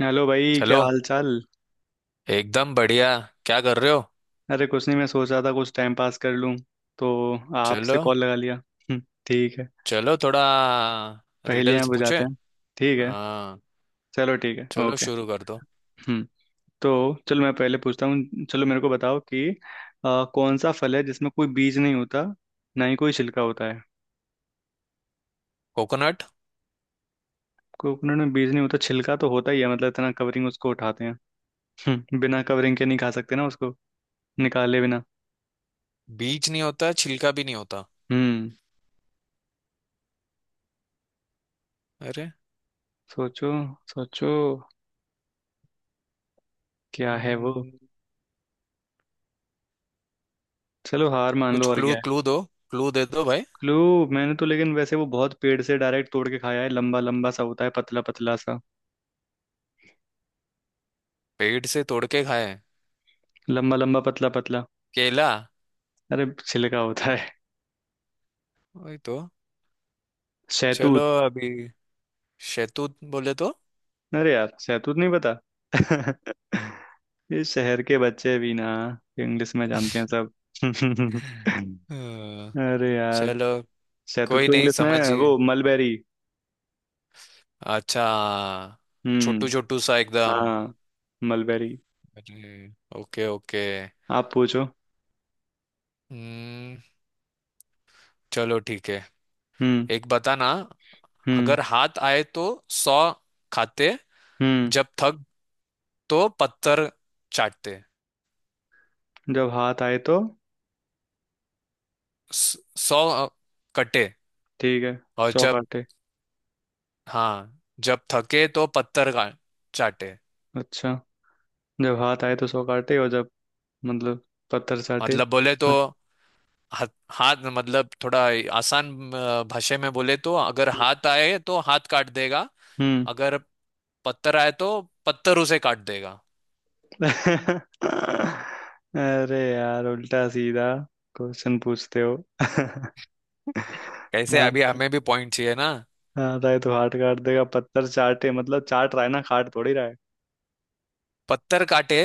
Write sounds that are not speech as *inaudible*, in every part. Hello भाई, hello. क्या हाल चाल। एकदम बढ़िया। क्या कर रहे हो? अरे कुछ नहीं, मैं सोच रहा था कुछ टाइम पास कर लूं, तो आपसे चलो। कॉल लगा लिया। ठीक है। चलो थोड़ा पहेलियां रिडल्स पूछे। बुझाते हैं। ठीक है। हाँ, चलो ठीक है, चलो ओके। शुरू कर दो। हम्म तो चलो, मैं पहले पूछता हूँ। चलो मेरे को बताओ कि कौन सा फल है जिसमें कोई बीज नहीं होता, ना ही कोई छिलका होता है। कोकोनट। कोकोनट में बीज नहीं होता, छिलका तो होता ही है। मतलब इतना कवरिंग उसको उठाते हैं। बिना कवरिंग के नहीं खा सकते ना उसको, निकाले बिना। बीज नहीं होता, छिलका भी नहीं होता। हम्म अरे। सोचो, सोचो। क्या है वो? हम्म, चलो हार मान कुछ लो, और क्लू क्या। क्लू दो। क्लू दे दो भाई। क्लू। मैंने तो लेकिन वैसे वो बहुत पेड़ से डायरेक्ट तोड़ के खाया है, लंबा लंबा सा होता है, पतला पतला सा। पेड़ से तोड़ के खाए? लंबा लंबा, पतला पतला। केला। अरे छिलका होता है। वही तो। चलो। शहतूत। अभी। शैतूत बोले तो? अरे यार, शहतूत नहीं पता। *laughs* ये शहर के बच्चे भी ना, इंग्लिश में जानते हैं सब। *laughs* हम्म, अरे यार, चलो। शहतूत कोई को नहीं, इंग्लिश में समझिए। वो मलबेरी। अच्छा। छोटू हम्म। छोटू सा एकदम। हाँ, मलबेरी। अरे, ओके ओके। आप पूछो। हम्म, चलो ठीक है। हम्म एक बताना। हम्म अगर हाथ आए तो सौ खाते, हम्म जब थक तो पत्थर चाटते। जब हाथ आए तो, स- सौ कटे। ठीक है, और सौ जब। काटे। हाँ, जब थके तो पत्थर का चाटे। अच्छा। जब हाथ आए तो सौ काटे, और जब, मतलब, पत्थर चाटे। मतलब बोले तो हम्म। हाथ। हाथ मतलब थोड़ा आसान भाषा में बोले तो अगर हाथ आए तो हाथ काट देगा। हम्म। अगर पत्थर आए तो पत्थर उसे काट देगा। *laughs* अरे यार, उल्टा सीधा क्वेश्चन पूछते हो। *laughs* कैसे, अभी हाथ। हमें भी पॉइंट चाहिए ना। हाथ आए तो हाथ काट देगा, पत्थर चाटे मतलब चाट रहा है ना, काट थोड़ी रहा है। पत्थर काटे।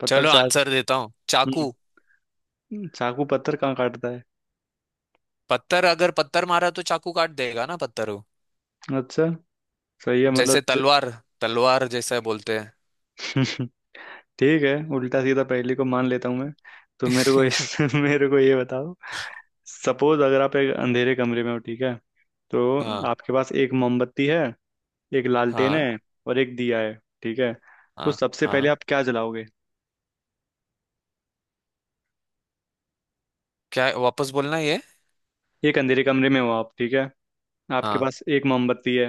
पत्थर चलो चाट। आंसर देता हूँ, हम्म चाकू। चाकू पत्थर कहाँ काटता है? पत्थर, अगर पत्थर मारा तो चाकू काट देगा ना पत्थर को। अच्छा, सही है मतलब। जैसे तलवार। तलवार जैसा बोलते हैं। *laughs* ठीक है, उल्टा सीधा पहेली को मान लेता हूँ मैं। तो मेरे को इस *laughs* *laughs* मेरे को ये बताओ, सपोज अगर आप एक अंधेरे कमरे में हो, ठीक है, तो हाँ, आपके पास एक मोमबत्ती है, एक लालटेन हाँ, है, और एक दिया है, ठीक है, तो हाँ, सबसे पहले हाँ। आप क्या जलाओगे? क्या, वापस बोलना ये? एक अंधेरे कमरे में हो आप, ठीक है, आपके हाँ, पास एक मोमबत्ती है,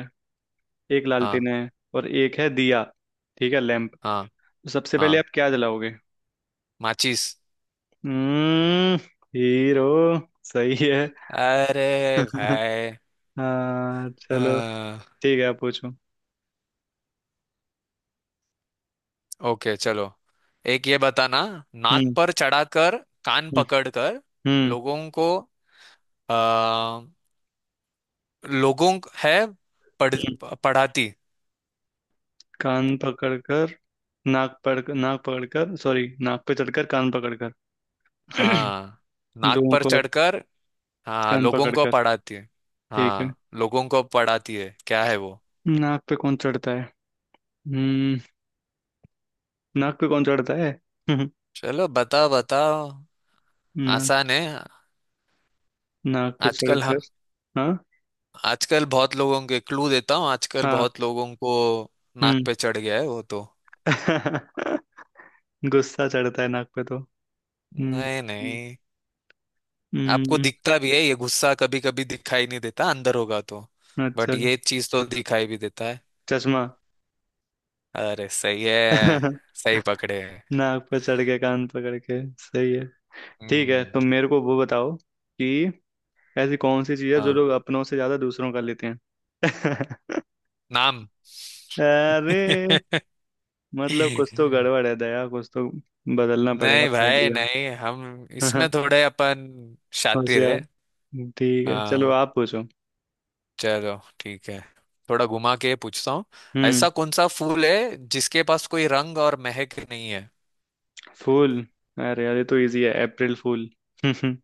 एक लालटेन हाँ, है, और एक है दिया, ठीक है, लैंप। हाँ, तो सबसे पहले हाँ। आप क्या जलाओगे? माचिस। हम्म हीरो। सही है। अरे *laughs* भाई। हाँ, चलो, हाँ, ठीक है, आप पूछो। ओके चलो। एक ये बताना। नाक हम्म। पर चढ़ाकर कान हम्म। पकड़कर हम्म। लोगों को आ, लोगों है पढ़, हम्म। पढ़ाती। कान पकड़कर, नाक पकड़कर, सॉरी, नाक पे चढ़कर कान पकड़कर हाँ, *clears throat* नाक लोगों पर को। चढ़कर। हाँ, कान लोगों को पकड़कर, पढ़ाती है। ठीक है। हाँ, लोगों को पढ़ाती है, क्या है वो? नाक पे कौन चढ़ता है? हम्म नाक पे कौन चढ़ता है? *laughs* चलो बताओ बताओ, नाक। आसान है। नाक पे आजकल ह- चढ़कर। हाँ। आजकल बहुत लोगों के क्लू देता हूँ, आजकल हाँ। बहुत लोगों को नाक हम्म। पे चढ़ गया है वो तो। *laughs* गुस्सा चढ़ता है नाक पे तो। हम्म। नहीं हम्म। नहीं, आपको हम्म, दिखता भी है ये? गुस्सा कभी कभी दिखाई नहीं देता, अंदर होगा तो। अच्छा। बट ये चीज तो दिखाई भी देता है। चश्मा। अरे सही है। *laughs* सही पकड़े हैं। नाक पे चढ़ के कान पकड़ के, सही है। ठीक है, हम्म। तुम मेरे को वो बताओ कि ऐसी कौन सी चीज है जो हाँ, लोग अपनों से ज्यादा दूसरों का लेते हैं। *laughs* नाम। अरे, *laughs* मतलब नहीं कुछ तो गड़बड़ है दया, कुछ तो बदलना पड़ेगा भाई, पहेलियाँ। नहीं हम इसमें *laughs* थोड़े अपन शातिर होशियार। है। ठीक है, चलो हाँ, आप पूछो। चलो ठीक है। थोड़ा घुमा के पूछता हूँ, हम्म ऐसा कौन सा फूल है जिसके पास कोई रंग और महक नहीं है? फूल। अरे यार, ये तो इजी है, अप्रैल फूल। *laughs*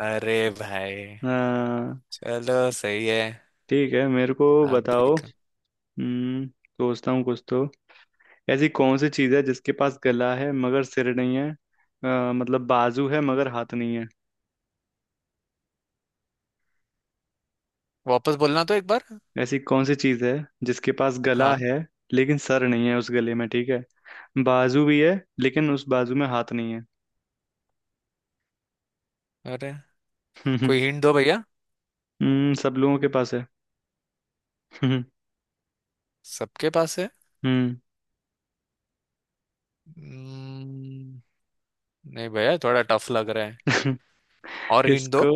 अरे भाई, हाँ, चलो सही है। ठीक है, मेरे को आप भी बताओ। हम्म सोचता हूँ कुछ तो। ऐसी कौन सी चीज है जिसके पास गला है मगर सिर नहीं है, मतलब बाजू है मगर हाथ नहीं। वापस बोलना तो एक बार। ऐसी कौन सी चीज है जिसके पास गला हाँ। है, लेकिन सर नहीं है उस गले में, ठीक है, बाजू भी है, लेकिन उस बाजू में हाथ नहीं है। *laughs* अरे, हम्म कोई हिंट दो भैया। सब लोगों के पास है। हम्म। सबके पास है। हम्म। हम्म, नहीं भैया, थोड़ा टफ लग रहा है। *laughs* और हिंट दो। इसको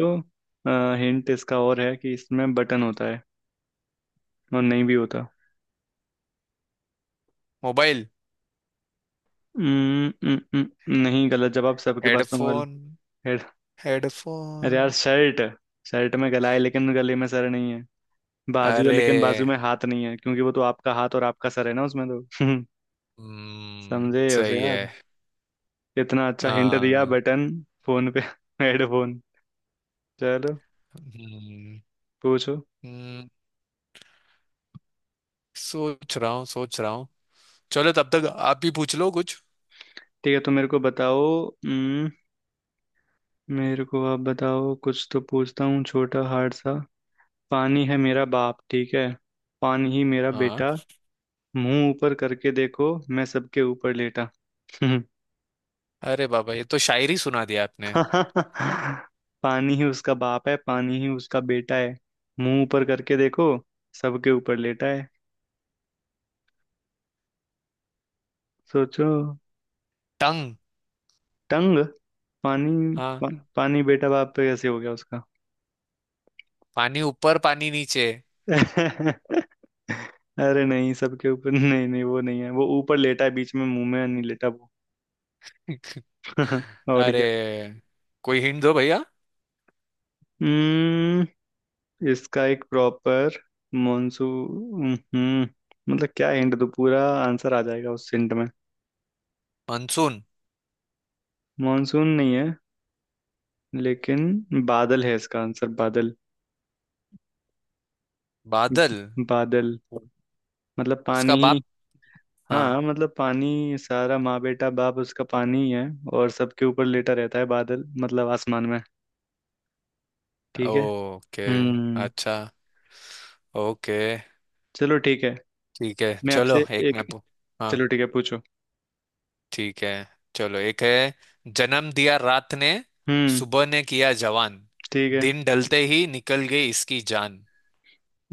हिंट इसका और है कि इसमें बटन होता है, और नहीं भी होता। मोबाइल। नहीं, गलत जवाब, सबके पास तो मोबाइल हेडफोन। है। अरे हेडफोन। यार, शर्ट। शर्ट में गला है लेकिन गले में सर नहीं है, बाजू है अरे। लेकिन बाजू में हाथ नहीं है, क्योंकि वो तो आपका हाथ और आपका सर है ना उसमें तो। *laughs* समझे उसे सही यार, है। इतना अच्छा हिंट दिया, हाँ। बटन। फोन पे *laughs* हेडफोन। चलो, हम्म, पूछो। हम्म, सोच रहा हूँ, सोच रहा हूँ। चलो तब तक आप भी पूछ लो कुछ। ठीक है, तो मेरे को बताओ। हम्म, मेरे को आप बताओ कुछ, तो पूछता हूँ छोटा हार्ड सा। पानी है मेरा बाप, ठीक है, पानी ही मेरा हाँ, बेटा, मुंह ऊपर करके देखो, मैं सबके ऊपर लेटा। अरे बाबा ये तो शायरी सुना दिया आपने। *laughs* पानी ही उसका बाप है, पानी ही उसका बेटा है, मुंह ऊपर करके देखो, सबके ऊपर लेटा है। सोचो। टंग। टंग। पानी हाँ, पा, पानी बेटा बाप पे कैसे हो गया उसका? पानी ऊपर पानी नीचे। *laughs* अरे नहीं, सबके ऊपर नहीं, नहीं वो नहीं है, वो ऊपर लेटा है, बीच में मुंह में नहीं लेटा वो। *laughs* *laughs* और अरे क्या। कोई हिंट दो भैया। हम्म इसका एक प्रॉपर मॉनसून। मतलब क्या हिंट दो, पूरा आंसर आ जाएगा उस हिंट में। मानसून। मॉनसून नहीं है, लेकिन बादल है इसका आंसर, बादल। बादल। बादल मतलब उसका पानी ही। बाप। हाँ। हाँ, मतलब पानी, सारा माँ बेटा बाप उसका पानी ही है, और सबके ऊपर लेटा रहता है बादल, मतलब आसमान में। ठीक है। ओके। हम्म अच्छा। ओके। चलो ठीक है। ठीक है मैं चलो, आपसे एक हाँ। चलो ठीक है, पूछो। ठीक है, चलो एक है। जन्म दिया रात ने, हम्म सुबह ने किया जवान, ठीक है। दिन ढलते ही निकल गई इसकी जान।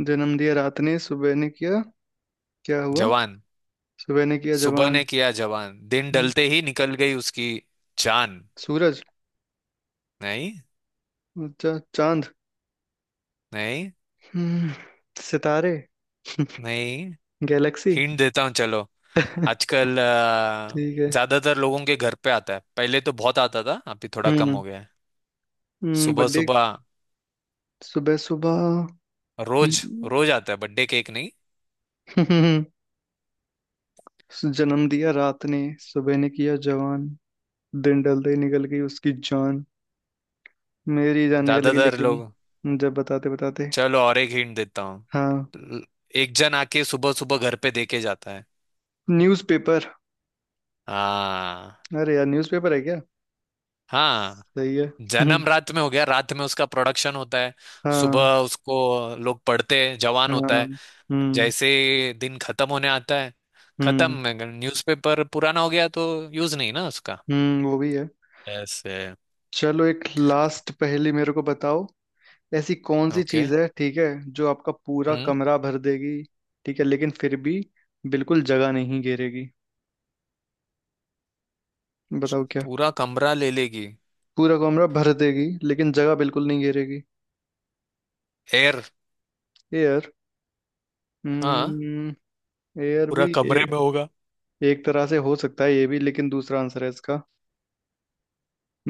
जन्म दिया रात ने, सुबह ने किया, क्या हुआ? जवान। सुबह ने किया सुबह जवान। ने किया जवान, दिन हम्म, ढलते ही निकल गई उसकी जान। सूरज। नहीं। चांद। नहीं। हम्म, सितारे। *laughs* नहीं। गैलेक्सी। हिंट *laughs* देता हूँ चलो। ठीक आजकल है। अ, ज्यादातर लोगों के घर पे आता है, पहले तो बहुत आता था, अभी थोड़ा कम हो हम्म गया है। सुबह बर्थडे। सुबह, सुबह सुबह। रोज हम्म, रोज आता है, बर्थडे केक नहीं। *laughs* जन्म दिया रात ने, सुबह ने किया जवान, दिन ढलते ही निकल गई उसकी जान। मेरी जान निकल गई ज्यादातर लोग। लेकिन जब बताते बताते। चलो और एक हिंट देता हूँ। हाँ। ल- एक जन आके सुबह सुबह घर पे देके जाता है। न्यूज़पेपर। हाँ। अरे यार, न्यूज़पेपर है क्या? हाँ, सही है। *laughs* जन्म रात में हो गया, रात में उसका प्रोडक्शन होता है। हाँ। सुबह उसको लोग पढ़ते हैं, जवान होता हाँ। है। हम्म जैसे ही दिन खत्म होने आता है, हम्म खत्म। न्यूज़पेपर पुराना हो गया तो यूज नहीं ना उसका। वो भी है। ऐसे। चलो, एक लास्ट पहेली मेरे को बताओ। ऐसी कौन सी ओके। चीज है, ठीक है, जो आपका पूरा हम्म। कमरा भर देगी, ठीक है, लेकिन फिर भी बिल्कुल जगह नहीं घेरेगी। बताओ क्या? पूरा कमरा ले लेगी। पूरा कमरा भर देगी लेकिन जगह बिल्कुल नहीं घेरेगी। एयर। एयर। हाँ, हम्म एयर पूरा भी कमरे में होगा। एक तरह से हो सकता है ये भी, लेकिन दूसरा आंसर है इसका।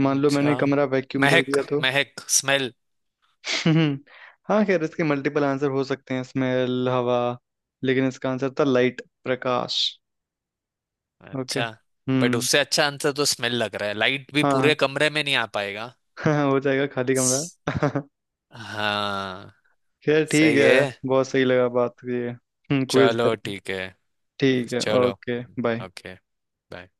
मान लो अच्छा। मैंने कमरा वैक्यूम कर महक। दिया तो। महक, स्मेल। हम्म, हाँ, खैर इसके मल्टीपल आंसर हो सकते हैं, स्मेल, हवा, लेकिन इसका आंसर था लाइट, प्रकाश। ओके। अच्छा। बट हम्म। उससे अच्छा आंसर तो स्मेल लग रहा है, लाइट भी हाँ। पूरे हाँ। कमरे में नहीं आ पाएगा। *laughs* हाँ, हो जाएगा खाली कमरा। हाँ *laughs* खैर ठीक सही है, है। बहुत सही लगा बात ये क्विज चलो करके। ठीक है। ठीक यस है। चलो। Okay, bye. ओके। बाय।